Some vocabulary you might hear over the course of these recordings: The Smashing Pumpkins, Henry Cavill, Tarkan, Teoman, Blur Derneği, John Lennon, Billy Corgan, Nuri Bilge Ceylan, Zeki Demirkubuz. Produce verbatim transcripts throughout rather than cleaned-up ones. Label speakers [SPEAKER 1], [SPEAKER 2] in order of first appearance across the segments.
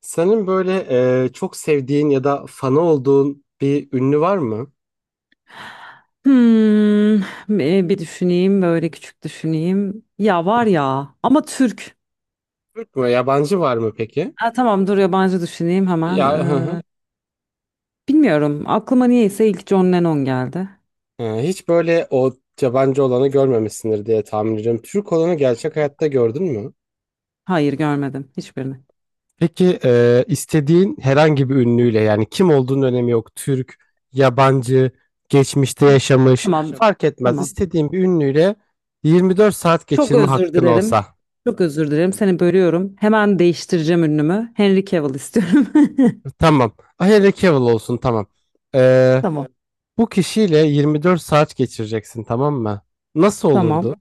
[SPEAKER 1] Senin böyle e, çok sevdiğin ya da fanı olduğun bir ünlü var mı?
[SPEAKER 2] Hmm, e, Bir düşüneyim, böyle küçük düşüneyim. Ya var ya ama Türk.
[SPEAKER 1] Türk mü? Yabancı var mı peki?
[SPEAKER 2] Ha, tamam dur, yabancı düşüneyim hemen.
[SPEAKER 1] Ya hı hı.
[SPEAKER 2] Ee, bilmiyorum, aklıma niyeyse ilk John Lennon geldi.
[SPEAKER 1] Ee, hiç böyle o yabancı olanı görmemişsindir diye tahmin ediyorum. Türk olanı gerçek hayatta gördün mü?
[SPEAKER 2] Hayır, görmedim hiçbirini.
[SPEAKER 1] Peki e, istediğin herhangi bir ünlüyle yani kim olduğunun önemi yok. Türk, yabancı, geçmişte yaşamış
[SPEAKER 2] Tamam,
[SPEAKER 1] fark etmez.
[SPEAKER 2] tamam.
[SPEAKER 1] İstediğin bir ünlüyle yirmi dört saat
[SPEAKER 2] Çok
[SPEAKER 1] geçirme
[SPEAKER 2] özür
[SPEAKER 1] hakkın olsa.
[SPEAKER 2] dilerim. Çok özür dilerim, seni bölüyorum. Hemen değiştireceğim ünlümü. Henry Cavill istiyorum.
[SPEAKER 1] Tamam. Ah, Henry Cavill olsun, tamam.
[SPEAKER 2] Tamam,
[SPEAKER 1] Bu kişiyle yirmi dört saat geçireceksin, tamam mı? Nasıl
[SPEAKER 2] tamam.
[SPEAKER 1] olurdu?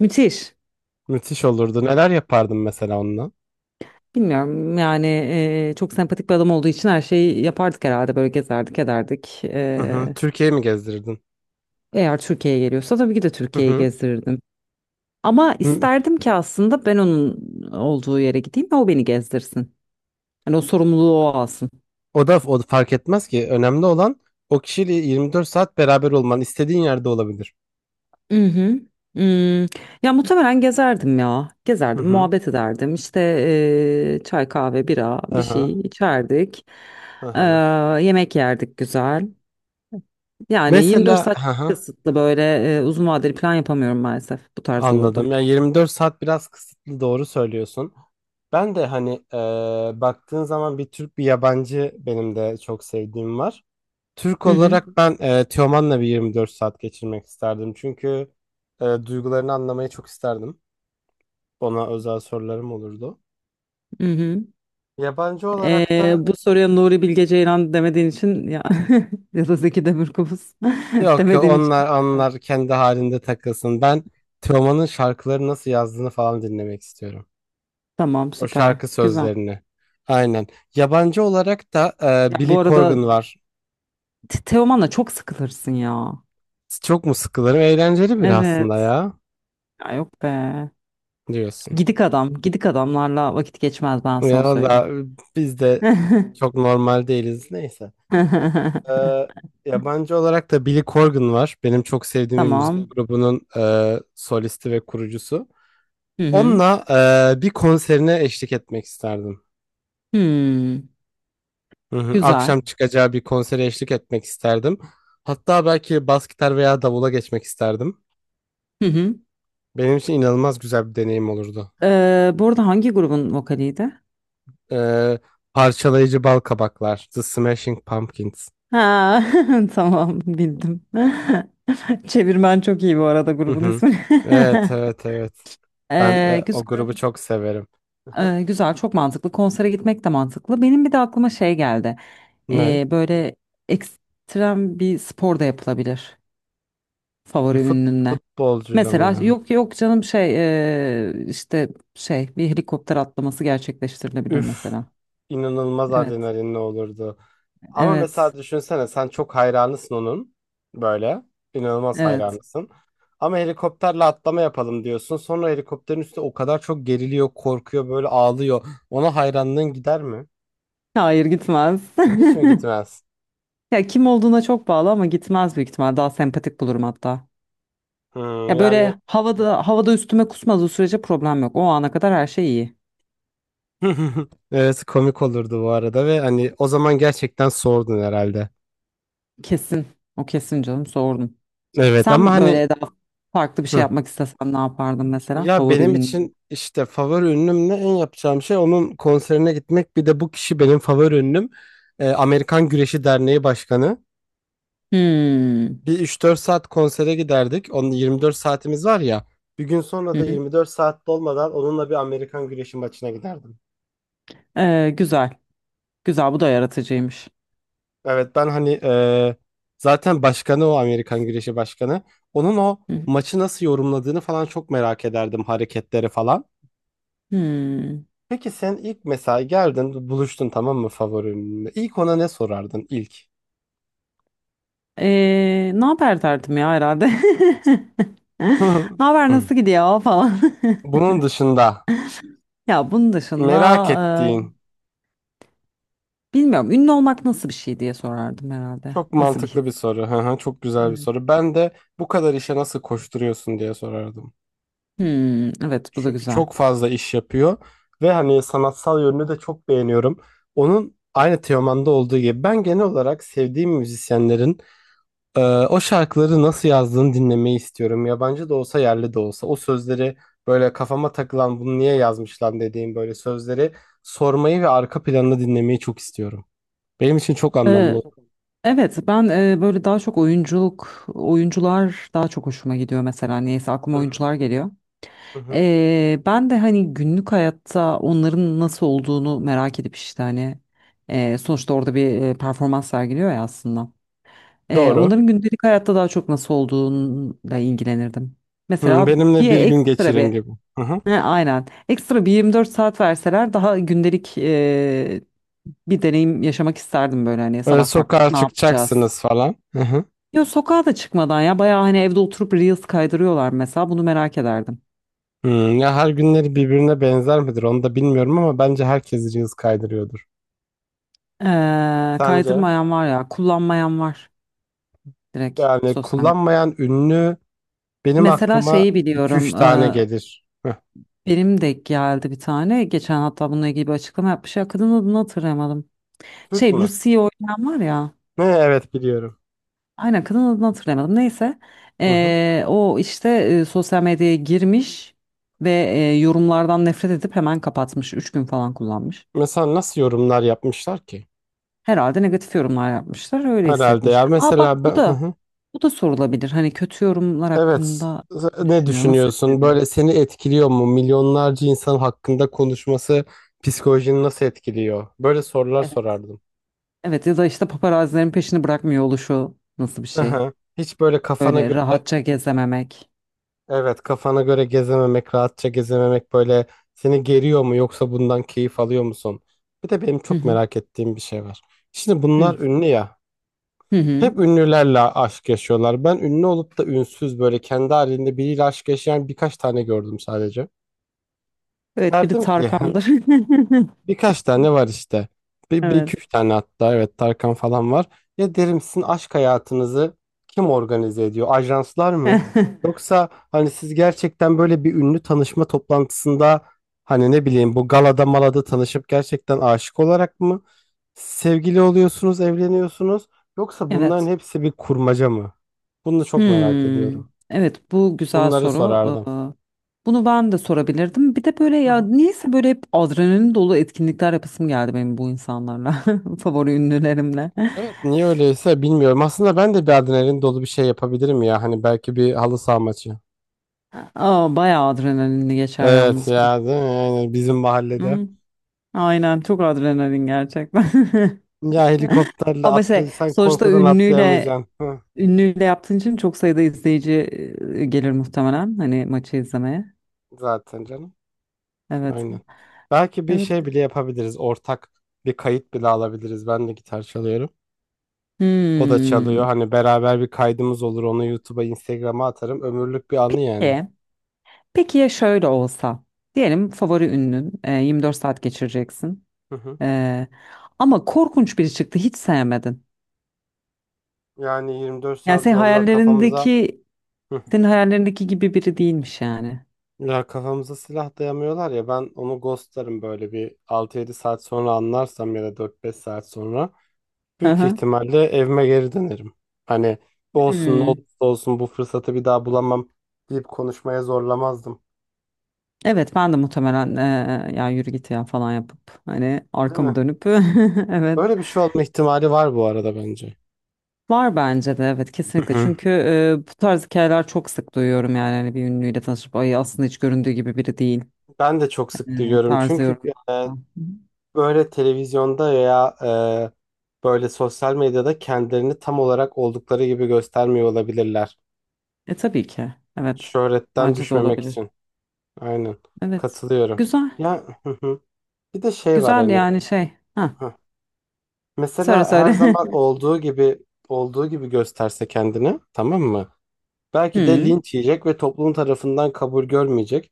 [SPEAKER 2] Müthiş.
[SPEAKER 1] Müthiş olurdu. Neler yapardın mesela onunla?
[SPEAKER 2] Bilmiyorum yani, e, çok sempatik bir adam olduğu için her şeyi yapardık herhalde, böyle gezerdik ederdik.
[SPEAKER 1] Hı hı.
[SPEAKER 2] E,
[SPEAKER 1] Türkiye'yi mi gezdirirdin?
[SPEAKER 2] Eğer Türkiye'ye geliyorsa tabii ki de
[SPEAKER 1] Hı
[SPEAKER 2] Türkiye'yi
[SPEAKER 1] hı.
[SPEAKER 2] gezdirirdim. Ama
[SPEAKER 1] Hı.
[SPEAKER 2] isterdim ki aslında ben onun olduğu yere gideyim ve o beni gezdirsin. Hani o sorumluluğu o alsın.
[SPEAKER 1] O da o da fark etmez ki. Önemli olan o kişiyle yirmi dört saat beraber olman. İstediğin yerde olabilir.
[SPEAKER 2] Hı hı. Hmm. Ya muhtemelen gezerdim ya.
[SPEAKER 1] Hı
[SPEAKER 2] Gezerdim,
[SPEAKER 1] hı.
[SPEAKER 2] muhabbet ederdim. İşte eee, çay, kahve, bira,
[SPEAKER 1] Hı
[SPEAKER 2] bir
[SPEAKER 1] hı.
[SPEAKER 2] şey içerdik.
[SPEAKER 1] Hı
[SPEAKER 2] Eee,
[SPEAKER 1] hı.
[SPEAKER 2] Yemek yerdik, güzel. Yani yirmi dört
[SPEAKER 1] Mesela
[SPEAKER 2] saat
[SPEAKER 1] hı
[SPEAKER 2] çok
[SPEAKER 1] hı.
[SPEAKER 2] kısıtlı, böyle e, uzun vadeli plan yapamıyorum maalesef, bu tarz olurdu.
[SPEAKER 1] Anladım. Yani yirmi dört saat biraz kısıtlı, doğru söylüyorsun. Ben de hani eee, baktığın zaman bir Türk bir yabancı benim de çok sevdiğim var. Türk
[SPEAKER 2] Hı hı,
[SPEAKER 1] olarak ben e, Teoman'la bir yirmi dört saat geçirmek isterdim. Çünkü e, duygularını anlamayı çok isterdim. Ona özel sorularım olurdu.
[SPEAKER 2] hı hı.
[SPEAKER 1] Yabancı olarak
[SPEAKER 2] Ee,
[SPEAKER 1] da
[SPEAKER 2] bu soruya Nuri Bilge Ceylan demediğin için ya, ya da Zeki Demirkubuz
[SPEAKER 1] yok yok
[SPEAKER 2] demediğin için,
[SPEAKER 1] onlar onlar kendi halinde takılsın. Ben Teoman'ın şarkıları nasıl yazdığını falan dinlemek istiyorum.
[SPEAKER 2] tamam,
[SPEAKER 1] O
[SPEAKER 2] süper
[SPEAKER 1] şarkı
[SPEAKER 2] güzel.
[SPEAKER 1] sözlerini. Aynen. Yabancı olarak da e,
[SPEAKER 2] Ya,
[SPEAKER 1] Billy
[SPEAKER 2] bu arada
[SPEAKER 1] Corgan var.
[SPEAKER 2] Te- Teoman'la çok sıkılırsın ya.
[SPEAKER 1] Çok mu sıkılırım? Eğlenceli bir aslında
[SPEAKER 2] Evet.
[SPEAKER 1] ya
[SPEAKER 2] Ya yok be.
[SPEAKER 1] diyorsun.
[SPEAKER 2] Gidik adam, gidik adamlarla vakit geçmez, ben
[SPEAKER 1] Ya
[SPEAKER 2] sana söyleyeyim.
[SPEAKER 1] valla biz de çok normal değiliz. Neyse. Ee, yabancı olarak da Billy Corgan var. Benim çok sevdiğim bir müzik
[SPEAKER 2] Tamam.
[SPEAKER 1] grubunun e, solisti ve kurucusu.
[SPEAKER 2] Hı hı.
[SPEAKER 1] Onunla e, bir konserine eşlik etmek isterdim.
[SPEAKER 2] Hmm.
[SPEAKER 1] Hı hı.
[SPEAKER 2] Güzel.
[SPEAKER 1] Akşam çıkacağı bir konsere eşlik etmek isterdim. Hatta belki bas gitar veya davula geçmek isterdim.
[SPEAKER 2] Hı hı.
[SPEAKER 1] Benim için inanılmaz güzel bir deneyim olurdu.
[SPEAKER 2] Ee, bu arada hangi grubun vokaliydi?
[SPEAKER 1] Ee, parçalayıcı bal kabaklar, The Smashing Pumpkins.
[SPEAKER 2] Ha, tamam bildim. Çevirmen çok iyi bu arada,
[SPEAKER 1] Hı
[SPEAKER 2] grubun
[SPEAKER 1] hı.
[SPEAKER 2] ismi.
[SPEAKER 1] Evet, evet, evet. Ben e,
[SPEAKER 2] Ee,
[SPEAKER 1] o
[SPEAKER 2] güzel.
[SPEAKER 1] grubu çok severim. Hı hı.
[SPEAKER 2] Ee, güzel, çok mantıklı. Konsere gitmek de mantıklı. Benim bir de aklıma şey geldi.
[SPEAKER 1] Ne?
[SPEAKER 2] Ee, böyle ekstrem bir spor da yapılabilir
[SPEAKER 1] Bir
[SPEAKER 2] favori
[SPEAKER 1] fut,
[SPEAKER 2] ünlünle.
[SPEAKER 1] futbolcuyla mı
[SPEAKER 2] Mesela
[SPEAKER 1] yani?
[SPEAKER 2] yok yok canım, şey eee, işte şey, bir helikopter atlaması gerçekleştirilebilir
[SPEAKER 1] Üf.
[SPEAKER 2] mesela.
[SPEAKER 1] İnanılmaz
[SPEAKER 2] Evet,
[SPEAKER 1] adrenalinli olurdu. Ama mesela
[SPEAKER 2] evet,
[SPEAKER 1] düşünsene, sen çok hayranısın onun. Böyle. İnanılmaz
[SPEAKER 2] evet.
[SPEAKER 1] hayranısın. Ama helikopterle atlama yapalım diyorsun. Sonra helikopterin üstü o kadar çok geriliyor, korkuyor, böyle ağlıyor. Ona hayranlığın gider mi?
[SPEAKER 2] Hayır, gitmez.
[SPEAKER 1] Hiç mi gitmez?
[SPEAKER 2] Ya, kim olduğuna çok bağlı ama gitmez büyük ihtimal. Daha sempatik bulurum hatta.
[SPEAKER 1] Hmm,
[SPEAKER 2] Ya,
[SPEAKER 1] yani
[SPEAKER 2] böyle havada havada üstüme kusmadığı sürece problem yok. O ana kadar her şey iyi.
[SPEAKER 1] evet, komik olurdu bu arada ve hani o zaman gerçekten sordun herhalde.
[SPEAKER 2] Kesin. O kesin canım, sordum.
[SPEAKER 1] Evet ama
[SPEAKER 2] Sen
[SPEAKER 1] hani,
[SPEAKER 2] böyle daha farklı bir şey
[SPEAKER 1] hı.
[SPEAKER 2] yapmak istesen ne yapardın mesela?
[SPEAKER 1] Ya
[SPEAKER 2] Favori
[SPEAKER 1] benim
[SPEAKER 2] ünlü.
[SPEAKER 1] için işte favori ünlümle en yapacağım şey onun konserine gitmek. Bir de bu kişi benim favori ünlüm. Ee, Amerikan Güreşi Derneği Başkanı.
[SPEAKER 2] Hmm.
[SPEAKER 1] Bir üç dört saat konsere giderdik. Onun yirmi dört saatimiz var ya. Bir gün sonra
[SPEAKER 2] Hı
[SPEAKER 1] da
[SPEAKER 2] hı.
[SPEAKER 1] yirmi dört saat dolmadan onunla bir Amerikan Güreşi maçına giderdim.
[SPEAKER 2] Ee, güzel. Güzel, bu da yaratıcıymış.
[SPEAKER 1] Evet ben hani e, zaten başkanı o, Amerikan Güreşi Başkanı. Onun o
[SPEAKER 2] Hı hı.
[SPEAKER 1] maçı nasıl yorumladığını falan çok merak ederdim, hareketleri falan.
[SPEAKER 2] Hmm.
[SPEAKER 1] Peki sen ilk mesela geldin, buluştun, tamam mı favorinle? İlk ona ne sorardın ilk?
[SPEAKER 2] Ee, ne haber derdim ya herhalde. Ne haber, nasıl gidiyor falan.
[SPEAKER 1] Bunun dışında
[SPEAKER 2] Ya bunun dışında
[SPEAKER 1] merak ettiğin,
[SPEAKER 2] e, bilmiyorum, ünlü olmak nasıl bir şey diye sorardım herhalde.
[SPEAKER 1] çok
[SPEAKER 2] Nasıl bir
[SPEAKER 1] mantıklı bir
[SPEAKER 2] his?
[SPEAKER 1] soru. Hı hı. Çok güzel bir
[SPEAKER 2] Evet.
[SPEAKER 1] soru. Ben de bu kadar işe nasıl koşturuyorsun diye sorardım.
[SPEAKER 2] Hmm, evet, bu da
[SPEAKER 1] Çünkü
[SPEAKER 2] güzel.
[SPEAKER 1] çok fazla iş yapıyor ve hani sanatsal yönünü de çok beğeniyorum. Onun aynı Teoman'da olduğu gibi, ben genel olarak sevdiğim müzisyenlerin Ee, o şarkıları nasıl yazdığını dinlemeyi istiyorum. Yabancı da olsa yerli de olsa. O sözleri, böyle kafama takılan bunu niye yazmış lan dediğim böyle sözleri sormayı ve arka planını dinlemeyi çok istiyorum. Benim için çok anlamlı
[SPEAKER 2] Ee,
[SPEAKER 1] oldu.
[SPEAKER 2] evet, ben e, böyle daha çok oyunculuk, oyuncular daha çok hoşuma gidiyor mesela. Neyse, aklıma
[SPEAKER 1] Hı hı.
[SPEAKER 2] oyuncular geliyor.
[SPEAKER 1] Hı hı.
[SPEAKER 2] Ee, ben de hani günlük hayatta onların nasıl olduğunu merak edip işte hani e, sonuçta orada bir e, performans sergiliyor ya aslında. Ee,
[SPEAKER 1] Doğru.
[SPEAKER 2] onların gündelik hayatta daha çok nasıl olduğuyla ilgilenirdim.
[SPEAKER 1] Hı,
[SPEAKER 2] Mesela
[SPEAKER 1] benimle
[SPEAKER 2] bir
[SPEAKER 1] bir gün
[SPEAKER 2] ekstra
[SPEAKER 1] geçirin
[SPEAKER 2] bir.
[SPEAKER 1] gibi. Hı hı.
[SPEAKER 2] He, aynen, ekstra bir yirmi dört saat verseler daha gündelik e, bir deneyim yaşamak isterdim, böyle hani
[SPEAKER 1] Böyle
[SPEAKER 2] sabah
[SPEAKER 1] sokağa
[SPEAKER 2] kalktık ne yapacağız?
[SPEAKER 1] çıkacaksınız falan. Hı hı.
[SPEAKER 2] Yok, sokağa da çıkmadan ya, bayağı hani evde oturup reels kaydırıyorlar mesela, bunu merak ederdim.
[SPEAKER 1] Hı, ya her günleri birbirine benzer midir onu da bilmiyorum ama bence herkes Reels kaydırıyordur.
[SPEAKER 2] Ee,
[SPEAKER 1] Sence?
[SPEAKER 2] kaydırmayan var ya, kullanmayan var, direkt
[SPEAKER 1] Yani
[SPEAKER 2] sosyal medya.
[SPEAKER 1] kullanmayan ünlü. Benim
[SPEAKER 2] Mesela
[SPEAKER 1] aklıma
[SPEAKER 2] şeyi
[SPEAKER 1] iki üç
[SPEAKER 2] biliyorum,
[SPEAKER 1] tane
[SPEAKER 2] e,
[SPEAKER 1] gelir. Heh,
[SPEAKER 2] benim de geldi bir tane, geçen hatta bununla ilgili bir açıklama yapmış ya, kadın adını hatırlayamadım.
[SPEAKER 1] Türk
[SPEAKER 2] Şey,
[SPEAKER 1] mü?
[SPEAKER 2] Lucy'yi oynayan var ya,
[SPEAKER 1] Ne, evet biliyorum.
[SPEAKER 2] aynen, kadın adını hatırlayamadım, neyse.
[SPEAKER 1] Hı hı.
[SPEAKER 2] Ee, o işte e, sosyal medyaya girmiş ve e, yorumlardan nefret edip hemen kapatmış, üç gün falan kullanmış.
[SPEAKER 1] Mesela nasıl yorumlar yapmışlar ki?
[SPEAKER 2] Herhalde negatif yorumlar yapmışlar, öyle
[SPEAKER 1] Herhalde,
[SPEAKER 2] hissetmiş.
[SPEAKER 1] ya
[SPEAKER 2] Aa, bak
[SPEAKER 1] mesela
[SPEAKER 2] bu
[SPEAKER 1] ben, hı
[SPEAKER 2] da.
[SPEAKER 1] hı.
[SPEAKER 2] Bu da sorulabilir. Hani kötü yorumlar
[SPEAKER 1] Evet,
[SPEAKER 2] hakkında ne
[SPEAKER 1] ne
[SPEAKER 2] düşünüyor? Nasıl
[SPEAKER 1] düşünüyorsun?
[SPEAKER 2] etkiledi?
[SPEAKER 1] Böyle seni etkiliyor mu? Milyonlarca insan hakkında konuşması psikolojini nasıl etkiliyor? Böyle sorular
[SPEAKER 2] Evet.
[SPEAKER 1] sorardım.
[SPEAKER 2] Evet, ya da işte paparazilerin peşini bırakmıyor oluşu nasıl bir şey?
[SPEAKER 1] Hı. Hiç böyle kafana
[SPEAKER 2] Böyle
[SPEAKER 1] göre.
[SPEAKER 2] rahatça gezememek.
[SPEAKER 1] Evet, kafana göre gezememek, rahatça gezememek, böyle seni geriyor mu yoksa bundan keyif alıyor musun? Bir de benim
[SPEAKER 2] Hı
[SPEAKER 1] çok
[SPEAKER 2] hı.
[SPEAKER 1] merak ettiğim bir şey var. Şimdi
[SPEAKER 2] Hı
[SPEAKER 1] bunlar ünlü ya.
[SPEAKER 2] hı. Hı.
[SPEAKER 1] Hep ünlülerle aşk yaşıyorlar. Ben ünlü olup da ünsüz böyle kendi halinde biriyle aşk yaşayan birkaç tane gördüm sadece.
[SPEAKER 2] Evet, biri
[SPEAKER 1] Derdim ki, "He,
[SPEAKER 2] Tarkan'dır.
[SPEAKER 1] birkaç tane var işte. Bir, bir iki üç
[SPEAKER 2] Evet.
[SPEAKER 1] tane, hatta evet Tarkan falan var. Ya derim, sizin aşk hayatınızı kim organize ediyor? Ajanslar mı? Yoksa hani siz gerçekten böyle bir ünlü tanışma toplantısında, hani ne bileyim bu galada malada tanışıp gerçekten aşık olarak mı sevgili oluyorsunuz, evleniyorsunuz? Yoksa bunların
[SPEAKER 2] Evet.
[SPEAKER 1] hepsi bir kurmaca mı?" Bunu çok merak
[SPEAKER 2] Hmm.
[SPEAKER 1] ediyorum.
[SPEAKER 2] Evet, bu güzel
[SPEAKER 1] Bunları
[SPEAKER 2] soru.
[SPEAKER 1] sorardım.
[SPEAKER 2] Ee, Bunu ben de sorabilirdim. Bir de böyle ya niyeyse böyle hep adrenalin dolu etkinlikler yapasım geldi benim, bu insanlarla. Favori ünlülerimle.
[SPEAKER 1] Evet niye öyleyse bilmiyorum. Aslında ben de bir adrenalin dolu bir şey yapabilirim ya. Hani belki bir halı saha maçı.
[SPEAKER 2] Aa, bayağı adrenalinli geçer
[SPEAKER 1] Evet
[SPEAKER 2] yalnız bu.
[SPEAKER 1] ya, değil mi? Yani bizim mahallede.
[SPEAKER 2] Hı, aynen, çok adrenalin gerçekten.
[SPEAKER 1] Ya helikopterle
[SPEAKER 2] Ama şey,
[SPEAKER 1] atlayırsan
[SPEAKER 2] sonuçta
[SPEAKER 1] korkudan
[SPEAKER 2] ünlüyle
[SPEAKER 1] atlayamayacaksın. Hı,
[SPEAKER 2] ünlüyle yaptığın için çok sayıda izleyici e, gelir muhtemelen, hani maçı izlemeye.
[SPEAKER 1] zaten canım.
[SPEAKER 2] Evet.
[SPEAKER 1] Aynen. Belki bir
[SPEAKER 2] Evet.
[SPEAKER 1] şey bile yapabiliriz. Ortak bir kayıt bile alabiliriz. Ben de gitar çalıyorum. O da çalıyor.
[SPEAKER 2] Hmm.
[SPEAKER 1] Hani beraber bir kaydımız olur. Onu YouTube'a, Instagram'a atarım. Ömürlük bir anı yani.
[SPEAKER 2] E, peki ya şöyle olsa diyelim, favori ünlün e, yirmi dört saat geçireceksin.
[SPEAKER 1] Hı hı.
[SPEAKER 2] E, Ama korkunç biri çıktı, hiç sevmedin.
[SPEAKER 1] Yani yirmi dört
[SPEAKER 2] Yani,
[SPEAKER 1] saat
[SPEAKER 2] senin
[SPEAKER 1] zorla kafamıza.
[SPEAKER 2] hayallerindeki
[SPEAKER 1] Hı.
[SPEAKER 2] senin hayallerindeki gibi biri değilmiş yani.
[SPEAKER 1] Ya kafamıza silah dayamıyorlar ya, ben onu ghostlarım böyle bir altı yedi saat sonra anlarsam ya da dört beş saat sonra
[SPEAKER 2] Hı
[SPEAKER 1] büyük
[SPEAKER 2] hı.
[SPEAKER 1] ihtimalle evime geri dönerim. Hani olsun ne
[SPEAKER 2] Hmm.
[SPEAKER 1] olursa olsun bu fırsatı bir daha bulamam deyip konuşmaya zorlamazdım.
[SPEAKER 2] Evet, ben de muhtemelen eee, ya yürü git ya falan yapıp hani
[SPEAKER 1] Değil
[SPEAKER 2] arkamı
[SPEAKER 1] mi?
[SPEAKER 2] dönüp, evet,
[SPEAKER 1] Öyle bir şey olma ihtimali var bu arada bence.
[SPEAKER 2] var bence de, evet
[SPEAKER 1] Hı
[SPEAKER 2] kesinlikle,
[SPEAKER 1] hı.
[SPEAKER 2] çünkü eee, bu tarz hikayeler çok sık duyuyorum yani, hani bir ünlüyle tanışıp ay aslında hiç göründüğü gibi biri değil
[SPEAKER 1] Ben de çok sık
[SPEAKER 2] eee
[SPEAKER 1] duyuyorum
[SPEAKER 2] tarzı
[SPEAKER 1] çünkü e,
[SPEAKER 2] yorumlarda. Hı hı.
[SPEAKER 1] böyle televizyonda ya e, böyle sosyal medyada kendilerini tam olarak oldukları gibi göstermiyor olabilirler.
[SPEAKER 2] E tabii ki evet,
[SPEAKER 1] Şöhretten
[SPEAKER 2] bence de
[SPEAKER 1] düşmemek
[SPEAKER 2] olabilir,
[SPEAKER 1] için. Aynen.
[SPEAKER 2] evet,
[SPEAKER 1] Katılıyorum.
[SPEAKER 2] güzel
[SPEAKER 1] Ya hı hı. Bir de şey var
[SPEAKER 2] güzel
[SPEAKER 1] hani,
[SPEAKER 2] yani şey, ha
[SPEAKER 1] hah.
[SPEAKER 2] söyle
[SPEAKER 1] Mesela her
[SPEAKER 2] söyle.
[SPEAKER 1] zaman olduğu gibi olduğu gibi gösterse kendini, tamam mı? Belki de
[SPEAKER 2] Hı,
[SPEAKER 1] linç yiyecek ve toplum tarafından kabul görmeyecek.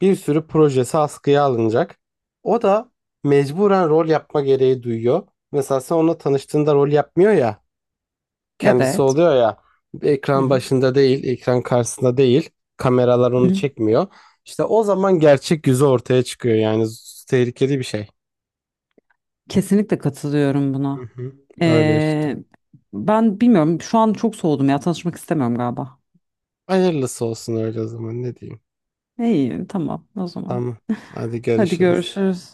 [SPEAKER 1] Bir sürü projesi askıya alınacak. O da mecburen rol yapma gereği duyuyor. Mesela sen onunla tanıştığında rol yapmıyor ya. Kendisi
[SPEAKER 2] evet.
[SPEAKER 1] oluyor ya,
[SPEAKER 2] Hı
[SPEAKER 1] ekran
[SPEAKER 2] hı.
[SPEAKER 1] başında değil, ekran karşısında değil. Kameralar
[SPEAKER 2] Hı
[SPEAKER 1] onu
[SPEAKER 2] hı.
[SPEAKER 1] çekmiyor. İşte o zaman gerçek yüzü ortaya çıkıyor yani z- tehlikeli bir şey.
[SPEAKER 2] Kesinlikle katılıyorum
[SPEAKER 1] Hı
[SPEAKER 2] buna.
[SPEAKER 1] hı. Öyle işte.
[SPEAKER 2] Ee, Ben bilmiyorum. Şu an çok soğudum ya. Tanışmak istemiyorum galiba.
[SPEAKER 1] Hayırlısı olsun öyle, o zaman ne diyeyim.
[SPEAKER 2] İyi, tamam o zaman.
[SPEAKER 1] Tamam. Hadi
[SPEAKER 2] Hadi
[SPEAKER 1] görüşürüz.
[SPEAKER 2] görüşürüz.